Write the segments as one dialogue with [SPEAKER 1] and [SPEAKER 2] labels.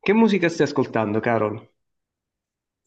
[SPEAKER 1] Che musica stai ascoltando, Carol?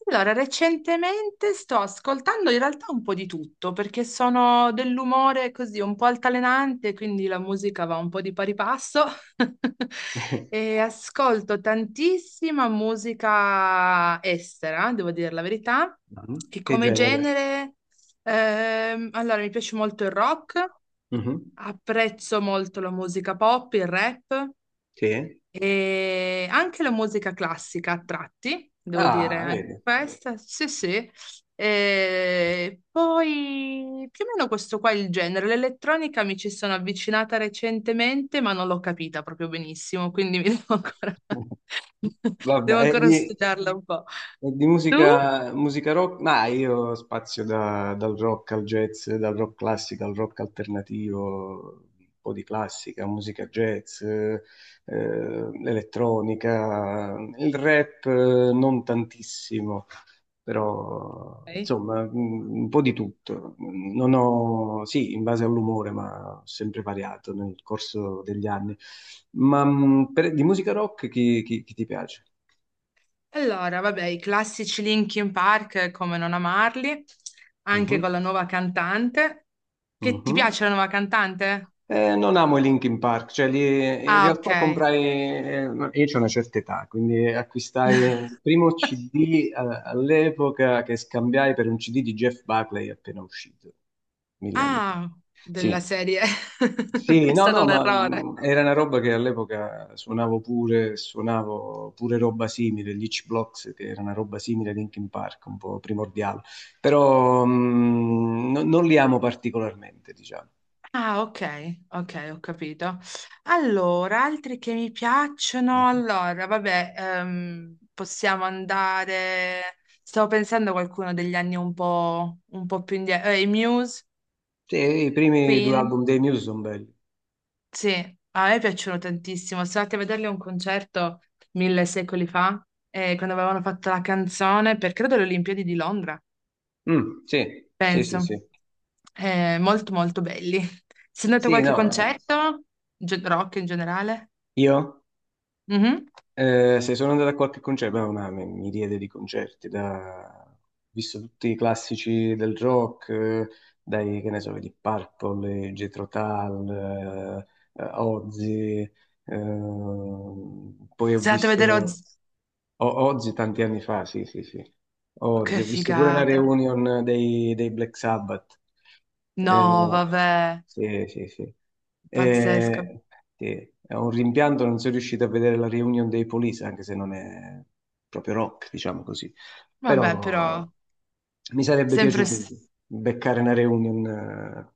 [SPEAKER 2] Allora, recentemente sto ascoltando in realtà un po' di tutto perché sono dell'umore così un po' altalenante, quindi la musica va un po' di pari passo e ascolto tantissima musica estera, devo dire la verità,
[SPEAKER 1] Mhm.
[SPEAKER 2] e
[SPEAKER 1] Che
[SPEAKER 2] come
[SPEAKER 1] genere?
[SPEAKER 2] genere, allora mi piace molto il rock,
[SPEAKER 1] Mhm.
[SPEAKER 2] apprezzo molto la musica pop, il rap.
[SPEAKER 1] Sì.
[SPEAKER 2] E anche la musica classica a tratti, devo dire,
[SPEAKER 1] Ah,
[SPEAKER 2] anche
[SPEAKER 1] vedi.
[SPEAKER 2] questa, sì, sì. E poi più o meno questo qua è il genere. L'elettronica mi ci sono avvicinata recentemente, ma non l'ho capita proprio benissimo, quindi mi devo ancora,
[SPEAKER 1] Vabbè,
[SPEAKER 2] devo
[SPEAKER 1] è
[SPEAKER 2] ancora
[SPEAKER 1] di,
[SPEAKER 2] studiarla un po'.
[SPEAKER 1] è di
[SPEAKER 2] Tu?
[SPEAKER 1] musica, musica rock? Ma io spazio dal rock al jazz, dal rock classico al rock alternativo, un po' di classica, musica jazz, elettronica, il rap non tantissimo. Però
[SPEAKER 2] Ok.
[SPEAKER 1] insomma un po' di tutto. Non ho, sì, in base all'umore, ma ho sempre variato nel corso degli anni. Ma di musica rock chi ti piace?
[SPEAKER 2] Allora, vabbè, i classici Linkin Park, come non amarli, anche
[SPEAKER 1] Mhm,
[SPEAKER 2] con la nuova cantante. Che ti
[SPEAKER 1] mhm.
[SPEAKER 2] piace la nuova cantante?
[SPEAKER 1] Non amo i Linkin Park, cioè in
[SPEAKER 2] Ah, ok.
[SPEAKER 1] realtà comprai, io c'ho una certa età, quindi acquistai il primo CD all'epoca che scambiai per un CD di Jeff Buckley appena uscito, mille anni fa.
[SPEAKER 2] Ah, della
[SPEAKER 1] Sì,
[SPEAKER 2] serie.
[SPEAKER 1] sì,
[SPEAKER 2] È
[SPEAKER 1] no,
[SPEAKER 2] stato
[SPEAKER 1] no,
[SPEAKER 2] un
[SPEAKER 1] ma
[SPEAKER 2] errore.
[SPEAKER 1] era una roba che all'epoca suonavo pure roba simile, gli H-Blocks, che era una roba simile a Linkin Park, un po' primordiale, però non li amo particolarmente, diciamo.
[SPEAKER 2] Ah, ok, ok, ho capito. Allora, altri che mi piacciono,
[SPEAKER 1] Mhm.
[SPEAKER 2] allora, vabbè, possiamo andare... Stavo pensando a qualcuno degli anni un po' più indietro. I Muse,
[SPEAKER 1] Sì, i primi due
[SPEAKER 2] Queen.
[SPEAKER 1] album dei Muse sono belli.
[SPEAKER 2] Sì, a me piacciono tantissimo. Sono andata a vederli a un concerto mille secoli fa, quando avevano fatto la canzone per, credo, le Olimpiadi di Londra.
[SPEAKER 1] Mm, sì, sì, sì,
[SPEAKER 2] Penso.
[SPEAKER 1] sì.
[SPEAKER 2] Molto molto belli. Sei andato a
[SPEAKER 1] Sì,
[SPEAKER 2] qualche
[SPEAKER 1] no, eh,
[SPEAKER 2] concerto? Ge- rock in generale?
[SPEAKER 1] io?
[SPEAKER 2] Mhm.
[SPEAKER 1] Se sono andato a qualche concerto, beh, ma mi riede di concerti, ho visto tutti i classici del rock, dai, che ne so, di Purple, Jethro Tull, Ozzy, poi ho
[SPEAKER 2] Sei andato a vedere
[SPEAKER 1] visto
[SPEAKER 2] Oz...
[SPEAKER 1] Ozzy tanti anni fa, sì, sì, sì, Ozzy,
[SPEAKER 2] Che
[SPEAKER 1] ho visto pure una
[SPEAKER 2] figata.
[SPEAKER 1] reunion dei Black Sabbath.
[SPEAKER 2] No,
[SPEAKER 1] Eh,
[SPEAKER 2] vabbè,
[SPEAKER 1] sì, sì, sì.
[SPEAKER 2] pazzesco.
[SPEAKER 1] Eh, sì, è un rimpianto non sono riuscito a vedere la reunion dei Police, anche se non è proprio rock, diciamo così.
[SPEAKER 2] Vabbè, però,
[SPEAKER 1] Però mi sarebbe
[SPEAKER 2] sempre
[SPEAKER 1] piaciuto
[SPEAKER 2] s-
[SPEAKER 1] beccare una reunion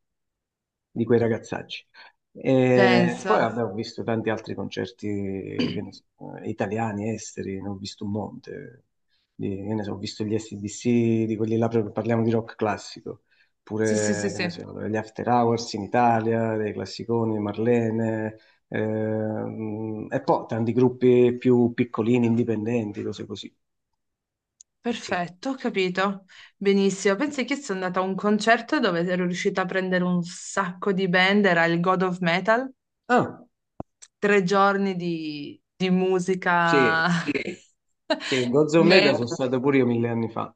[SPEAKER 1] di quei ragazzacci. E
[SPEAKER 2] penso.
[SPEAKER 1] poi vabbè, ho visto tanti altri concerti che ne so, italiani, esteri, ne ho visto un monte. Che ne so, ho visto gli AC/DC, di quelli là, proprio parliamo di rock classico,
[SPEAKER 2] Sì, sì, sì,
[SPEAKER 1] pure che ne
[SPEAKER 2] sì.
[SPEAKER 1] so, gli After Hours in Italia, dei classiconi, Marlene. E poi tanti gruppi più piccolini, indipendenti, cose così. Sì.
[SPEAKER 2] Perfetto, ho capito. Benissimo. Pensi che sono andata a un concerto dove ero riuscita a prendere un sacco di band, era il God of Metal.
[SPEAKER 1] Ah,
[SPEAKER 2] Tre giorni di musica.
[SPEAKER 1] sì,
[SPEAKER 2] Sì,
[SPEAKER 1] sì, Gods
[SPEAKER 2] sì,
[SPEAKER 1] of
[SPEAKER 2] Me-
[SPEAKER 1] Metal sono
[SPEAKER 2] guarda.
[SPEAKER 1] stato pure io mille anni fa.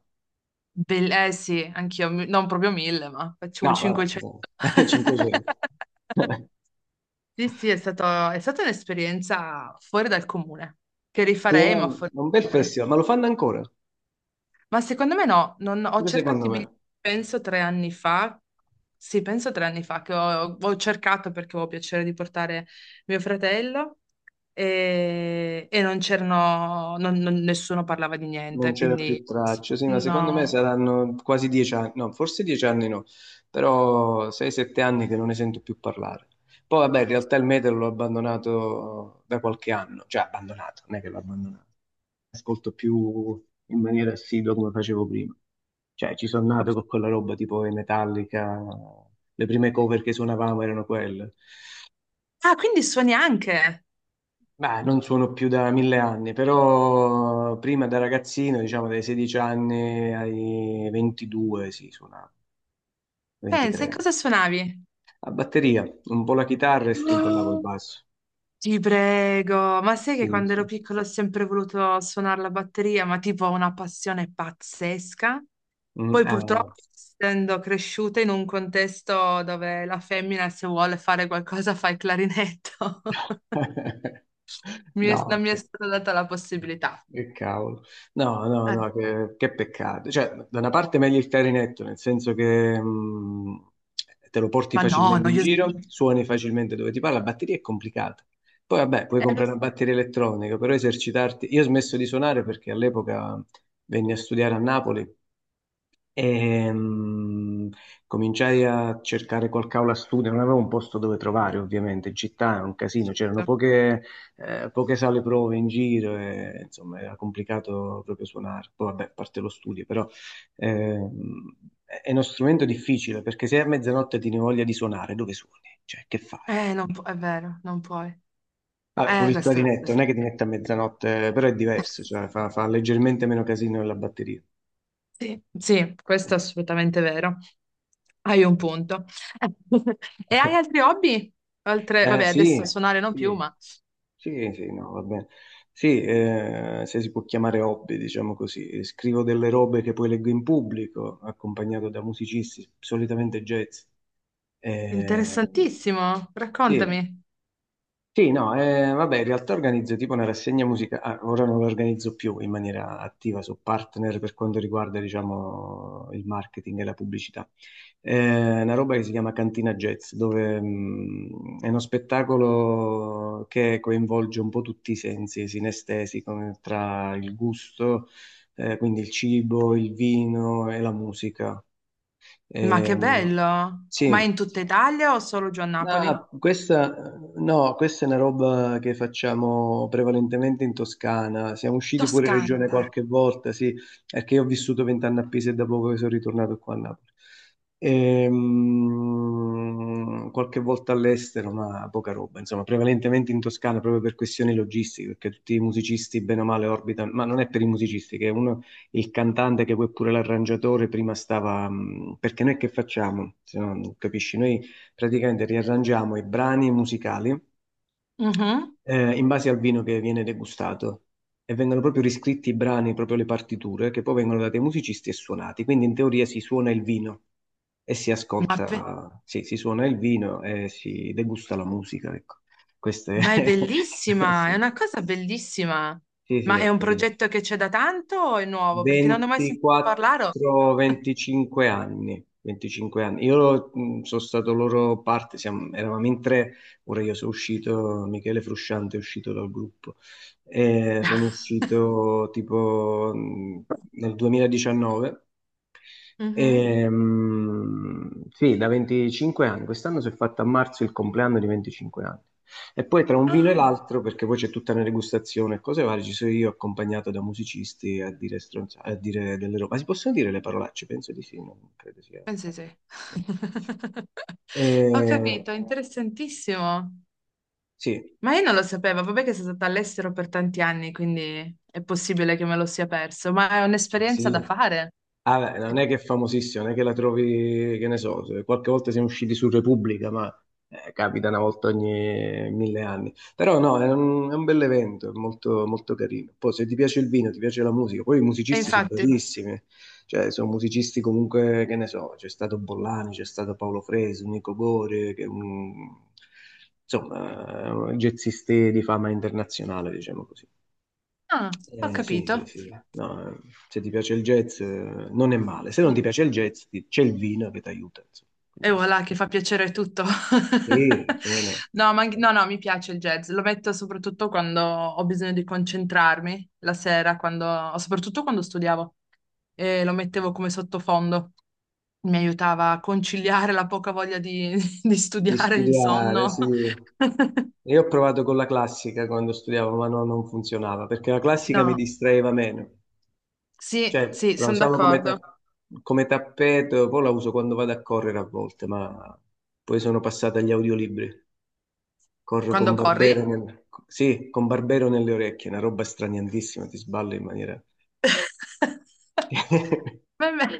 [SPEAKER 2] Bel- eh sì, anch'io, mi- non proprio mille, ma facciamo
[SPEAKER 1] No, vabbè,
[SPEAKER 2] 500.
[SPEAKER 1] insomma, 500.
[SPEAKER 2] Sì, sì, è stato- è stata un'esperienza fuori dal comune, che
[SPEAKER 1] Sì,
[SPEAKER 2] rifarei, ma
[SPEAKER 1] no,
[SPEAKER 2] fuori
[SPEAKER 1] è un bel
[SPEAKER 2] dal comune.
[SPEAKER 1] festival, ma lo fanno ancora,
[SPEAKER 2] Ma secondo me no, non- ho
[SPEAKER 1] pure
[SPEAKER 2] cercato
[SPEAKER 1] secondo
[SPEAKER 2] i
[SPEAKER 1] me.
[SPEAKER 2] biglietti, penso tre anni fa, sì, penso tre anni fa che ho cercato perché avevo piacere di portare mio fratello e non c'erano, non- non- nessuno parlava di
[SPEAKER 1] Non
[SPEAKER 2] niente,
[SPEAKER 1] c'era
[SPEAKER 2] quindi
[SPEAKER 1] più traccia, sì, ma secondo me
[SPEAKER 2] no.
[SPEAKER 1] saranno quasi 10 anni, no, forse 10 anni no, però sei, sette anni che non ne sento più parlare. Poi vabbè, in realtà il metal l'ho abbandonato da qualche anno, cioè abbandonato, non è che l'ho abbandonato, ascolto più in maniera assidua come facevo prima. Cioè, ci sono nato con quella roba tipo i Metallica, le prime cover che suonavamo erano quelle.
[SPEAKER 2] Ah, quindi suoni anche?
[SPEAKER 1] Beh, non suono più da mille anni, però prima da ragazzino, diciamo dai 16 anni ai 22, sì, suonavo,
[SPEAKER 2] Pensa, e
[SPEAKER 1] 23.
[SPEAKER 2] cosa suonavi?
[SPEAKER 1] A batteria, un po' la chitarra, e strimpellavo il
[SPEAKER 2] No,
[SPEAKER 1] basso.
[SPEAKER 2] ti prego, ma sai che
[SPEAKER 1] Sì,
[SPEAKER 2] quando
[SPEAKER 1] sì.
[SPEAKER 2] ero piccolo ho sempre voluto suonare la batteria, ma tipo ho una passione pazzesca.
[SPEAKER 1] Mm,
[SPEAKER 2] Poi purtroppo,
[SPEAKER 1] ah.
[SPEAKER 2] essendo cresciuta in un contesto dove la femmina se vuole fare qualcosa fa il clarinetto, mi
[SPEAKER 1] No,
[SPEAKER 2] è- non mi
[SPEAKER 1] ok.
[SPEAKER 2] è stata data la possibilità.
[SPEAKER 1] Che cavolo. No, no,
[SPEAKER 2] Eh,
[SPEAKER 1] no, che peccato. Cioè, da una parte meglio il clarinetto, nel senso che te lo porti
[SPEAKER 2] ma no,
[SPEAKER 1] facilmente in giro,
[SPEAKER 2] noiosissimo.
[SPEAKER 1] suoni facilmente dove ti parla, la batteria è complicata. Poi vabbè, puoi
[SPEAKER 2] Lo
[SPEAKER 1] comprare una
[SPEAKER 2] so,
[SPEAKER 1] batteria elettronica, però esercitarti... Io ho smesso di suonare perché all'epoca venni a studiare a Napoli e cominciai a cercare qualche aula studio, non avevo un posto dove trovare, ovviamente, in città è un casino, c'erano
[SPEAKER 2] certo.
[SPEAKER 1] poche sale prove in giro, e, insomma, era complicato proprio suonare. Poi, vabbè, a parte lo studio, però ehm, è uno strumento difficile perché se a mezzanotte ti ne voglia di suonare, dove suoni? Cioè, che fai?
[SPEAKER 2] Non pu- è vero, non puoi.
[SPEAKER 1] Vabbè, pure il
[SPEAKER 2] Questo è vero.
[SPEAKER 1] clarinetto,
[SPEAKER 2] questo
[SPEAKER 1] non è
[SPEAKER 2] è
[SPEAKER 1] che ti
[SPEAKER 2] vero.
[SPEAKER 1] mette a mezzanotte, però è diverso, cioè fa leggermente meno casino della batteria.
[SPEAKER 2] Sì, sì, questo
[SPEAKER 1] Eh,
[SPEAKER 2] è assolutamente vero. Hai un punto. E hai altri hobby? Altre... Vabbè, adesso
[SPEAKER 1] Sì,
[SPEAKER 2] suonare non più,
[SPEAKER 1] sì.
[SPEAKER 2] ma
[SPEAKER 1] Sì, sì, no, va bene. Sì, se si può chiamare hobby, diciamo così. Scrivo delle robe che poi leggo in pubblico, accompagnato da musicisti, solitamente jazz. Eh,
[SPEAKER 2] interessantissimo.
[SPEAKER 1] sì,
[SPEAKER 2] Raccontami.
[SPEAKER 1] sì, no, vabbè, in realtà organizzo tipo una rassegna musicale, ora non la organizzo più in maniera attiva, sono partner per quanto riguarda, diciamo, il marketing e la pubblicità. Una roba che si chiama Cantina Jazz, dove è uno spettacolo che coinvolge un po' tutti i sensi sinestesi, come tra il gusto, quindi il cibo, il vino e la musica.
[SPEAKER 2] Ma che
[SPEAKER 1] Ehm,
[SPEAKER 2] bello! Ma
[SPEAKER 1] sì.
[SPEAKER 2] in tutta Italia o solo giù a
[SPEAKER 1] Ah,
[SPEAKER 2] Napoli?
[SPEAKER 1] questa, no, questa è una roba che facciamo prevalentemente in Toscana. Siamo usciti fuori
[SPEAKER 2] Toscana.
[SPEAKER 1] regione qualche volta, sì, perché io ho vissuto 20 anni a Pisa e da poco che sono ritornato qua a Napoli. Qualche volta all'estero, ma poca roba, insomma, prevalentemente in Toscana proprio per questioni logistiche, perché tutti i musicisti bene o male orbitano, ma non è per i musicisti, che uno, il cantante che poi è pure l'arrangiatore prima stava, perché noi che facciamo? Se no, non capisci, noi praticamente riarrangiamo i brani musicali
[SPEAKER 2] Mhm.
[SPEAKER 1] in base al vino che viene degustato, e vengono proprio riscritti i brani, proprio le partiture, che poi vengono date ai musicisti e suonati. Quindi in teoria si suona il vino e si
[SPEAKER 2] Ma, be-
[SPEAKER 1] ascolta, sì, si suona il vino e si degusta la musica, ecco. Questo è...
[SPEAKER 2] ma è bellissima, è
[SPEAKER 1] sì,
[SPEAKER 2] una cosa bellissima.
[SPEAKER 1] sì, sì,
[SPEAKER 2] Ma è un
[SPEAKER 1] ecco, sì.
[SPEAKER 2] progetto che c'è da tanto o è nuovo? Perché non ne ho mai sentito parlare. O-
[SPEAKER 1] 24-25 anni, 25 anni. Io sono stato loro parte, eravamo in tre, ora io sono uscito, Michele Frusciante è uscito dal gruppo. Sono uscito tipo nel 2019.
[SPEAKER 2] Mhm.
[SPEAKER 1] Sì, da 25 anni. Quest'anno si è fatto a marzo il compleanno di 25 anni. E poi tra un vino e
[SPEAKER 2] Ah,
[SPEAKER 1] l'altro, perché poi c'è tutta una degustazione e cose varie, ci sono io accompagnato da musicisti a dire, a dire delle robe. Ma si possono dire le parolacce? Penso di sì, non credo sia una
[SPEAKER 2] pensi
[SPEAKER 1] cosa.
[SPEAKER 2] sì. Ho
[SPEAKER 1] Eh,
[SPEAKER 2] capito, interessantissimo.
[SPEAKER 1] sì,
[SPEAKER 2] Ma io non lo sapevo, vabbè che sono stata all'estero per tanti anni, quindi è possibile che me lo sia perso, ma è un'esperienza da
[SPEAKER 1] sì.
[SPEAKER 2] fare.
[SPEAKER 1] Ah, beh, non
[SPEAKER 2] Sicur-
[SPEAKER 1] è che è famosissima, non è che la trovi, che ne so, qualche volta siamo usciti su Repubblica, ma capita una volta ogni mille anni. Però no, è un bel evento, è molto, molto carino. Poi se ti piace il vino, ti piace la musica, poi i
[SPEAKER 2] e
[SPEAKER 1] musicisti sono
[SPEAKER 2] infatti.
[SPEAKER 1] bravissimi, cioè sono musicisti comunque, che ne so, c'è stato Bollani, c'è stato Paolo Fresu, Nico Gore, che insomma, jazzisti di fama internazionale, diciamo così.
[SPEAKER 2] Ah, ho
[SPEAKER 1] Sì, sì,
[SPEAKER 2] capito.
[SPEAKER 1] sì. No, se ti piace il jazz, non è male. Se non ti
[SPEAKER 2] Sì.
[SPEAKER 1] piace il jazz, c'è il vino che ti aiuta, insomma.
[SPEAKER 2] E
[SPEAKER 1] Quindi,
[SPEAKER 2] voilà, che fa piacere tutto.
[SPEAKER 1] sì, come no.
[SPEAKER 2] No, ma anche- no, no, mi piace il jazz. Lo metto soprattutto quando ho bisogno di concentrarmi la sera, quando- soprattutto quando studiavo. E lo mettevo come sottofondo. Mi aiutava a conciliare la poca voglia di, di
[SPEAKER 1] Di
[SPEAKER 2] studiare, il
[SPEAKER 1] studiare,
[SPEAKER 2] sonno.
[SPEAKER 1] sì. Io ho provato con la classica quando studiavo, ma no, non funzionava perché la classica mi
[SPEAKER 2] No,
[SPEAKER 1] distraeva meno.
[SPEAKER 2] sì,
[SPEAKER 1] Cioè,
[SPEAKER 2] sì,
[SPEAKER 1] la
[SPEAKER 2] sono
[SPEAKER 1] usavo come,
[SPEAKER 2] d'accordo.
[SPEAKER 1] come tappeto, poi la uso quando vado a correre a volte, ma poi sono passata agli audiolibri. Corro con
[SPEAKER 2] Quando corri?
[SPEAKER 1] Barbero, sì, con Barbero nelle orecchie, una roba straniantissima, ti sballo in maniera...
[SPEAKER 2] Va bene.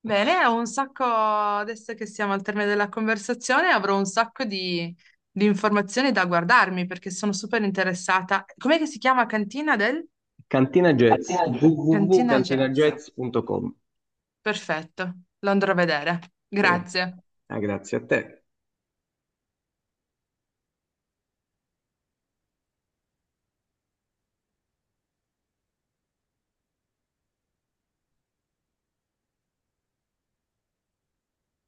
[SPEAKER 2] Bene, ho un sacco, adesso che siamo al termine della conversazione, avrò un sacco di informazioni da guardarmi perché sono super interessata. Com'è che si chiama Cantina del?
[SPEAKER 1] Cantina Jazz,
[SPEAKER 2] Cantina Jazz. Cantina Jazz.
[SPEAKER 1] www.cantinajazz.com.
[SPEAKER 2] Perfetto, lo andrò a vedere.
[SPEAKER 1] Eh,
[SPEAKER 2] Grazie.
[SPEAKER 1] ah, grazie a te.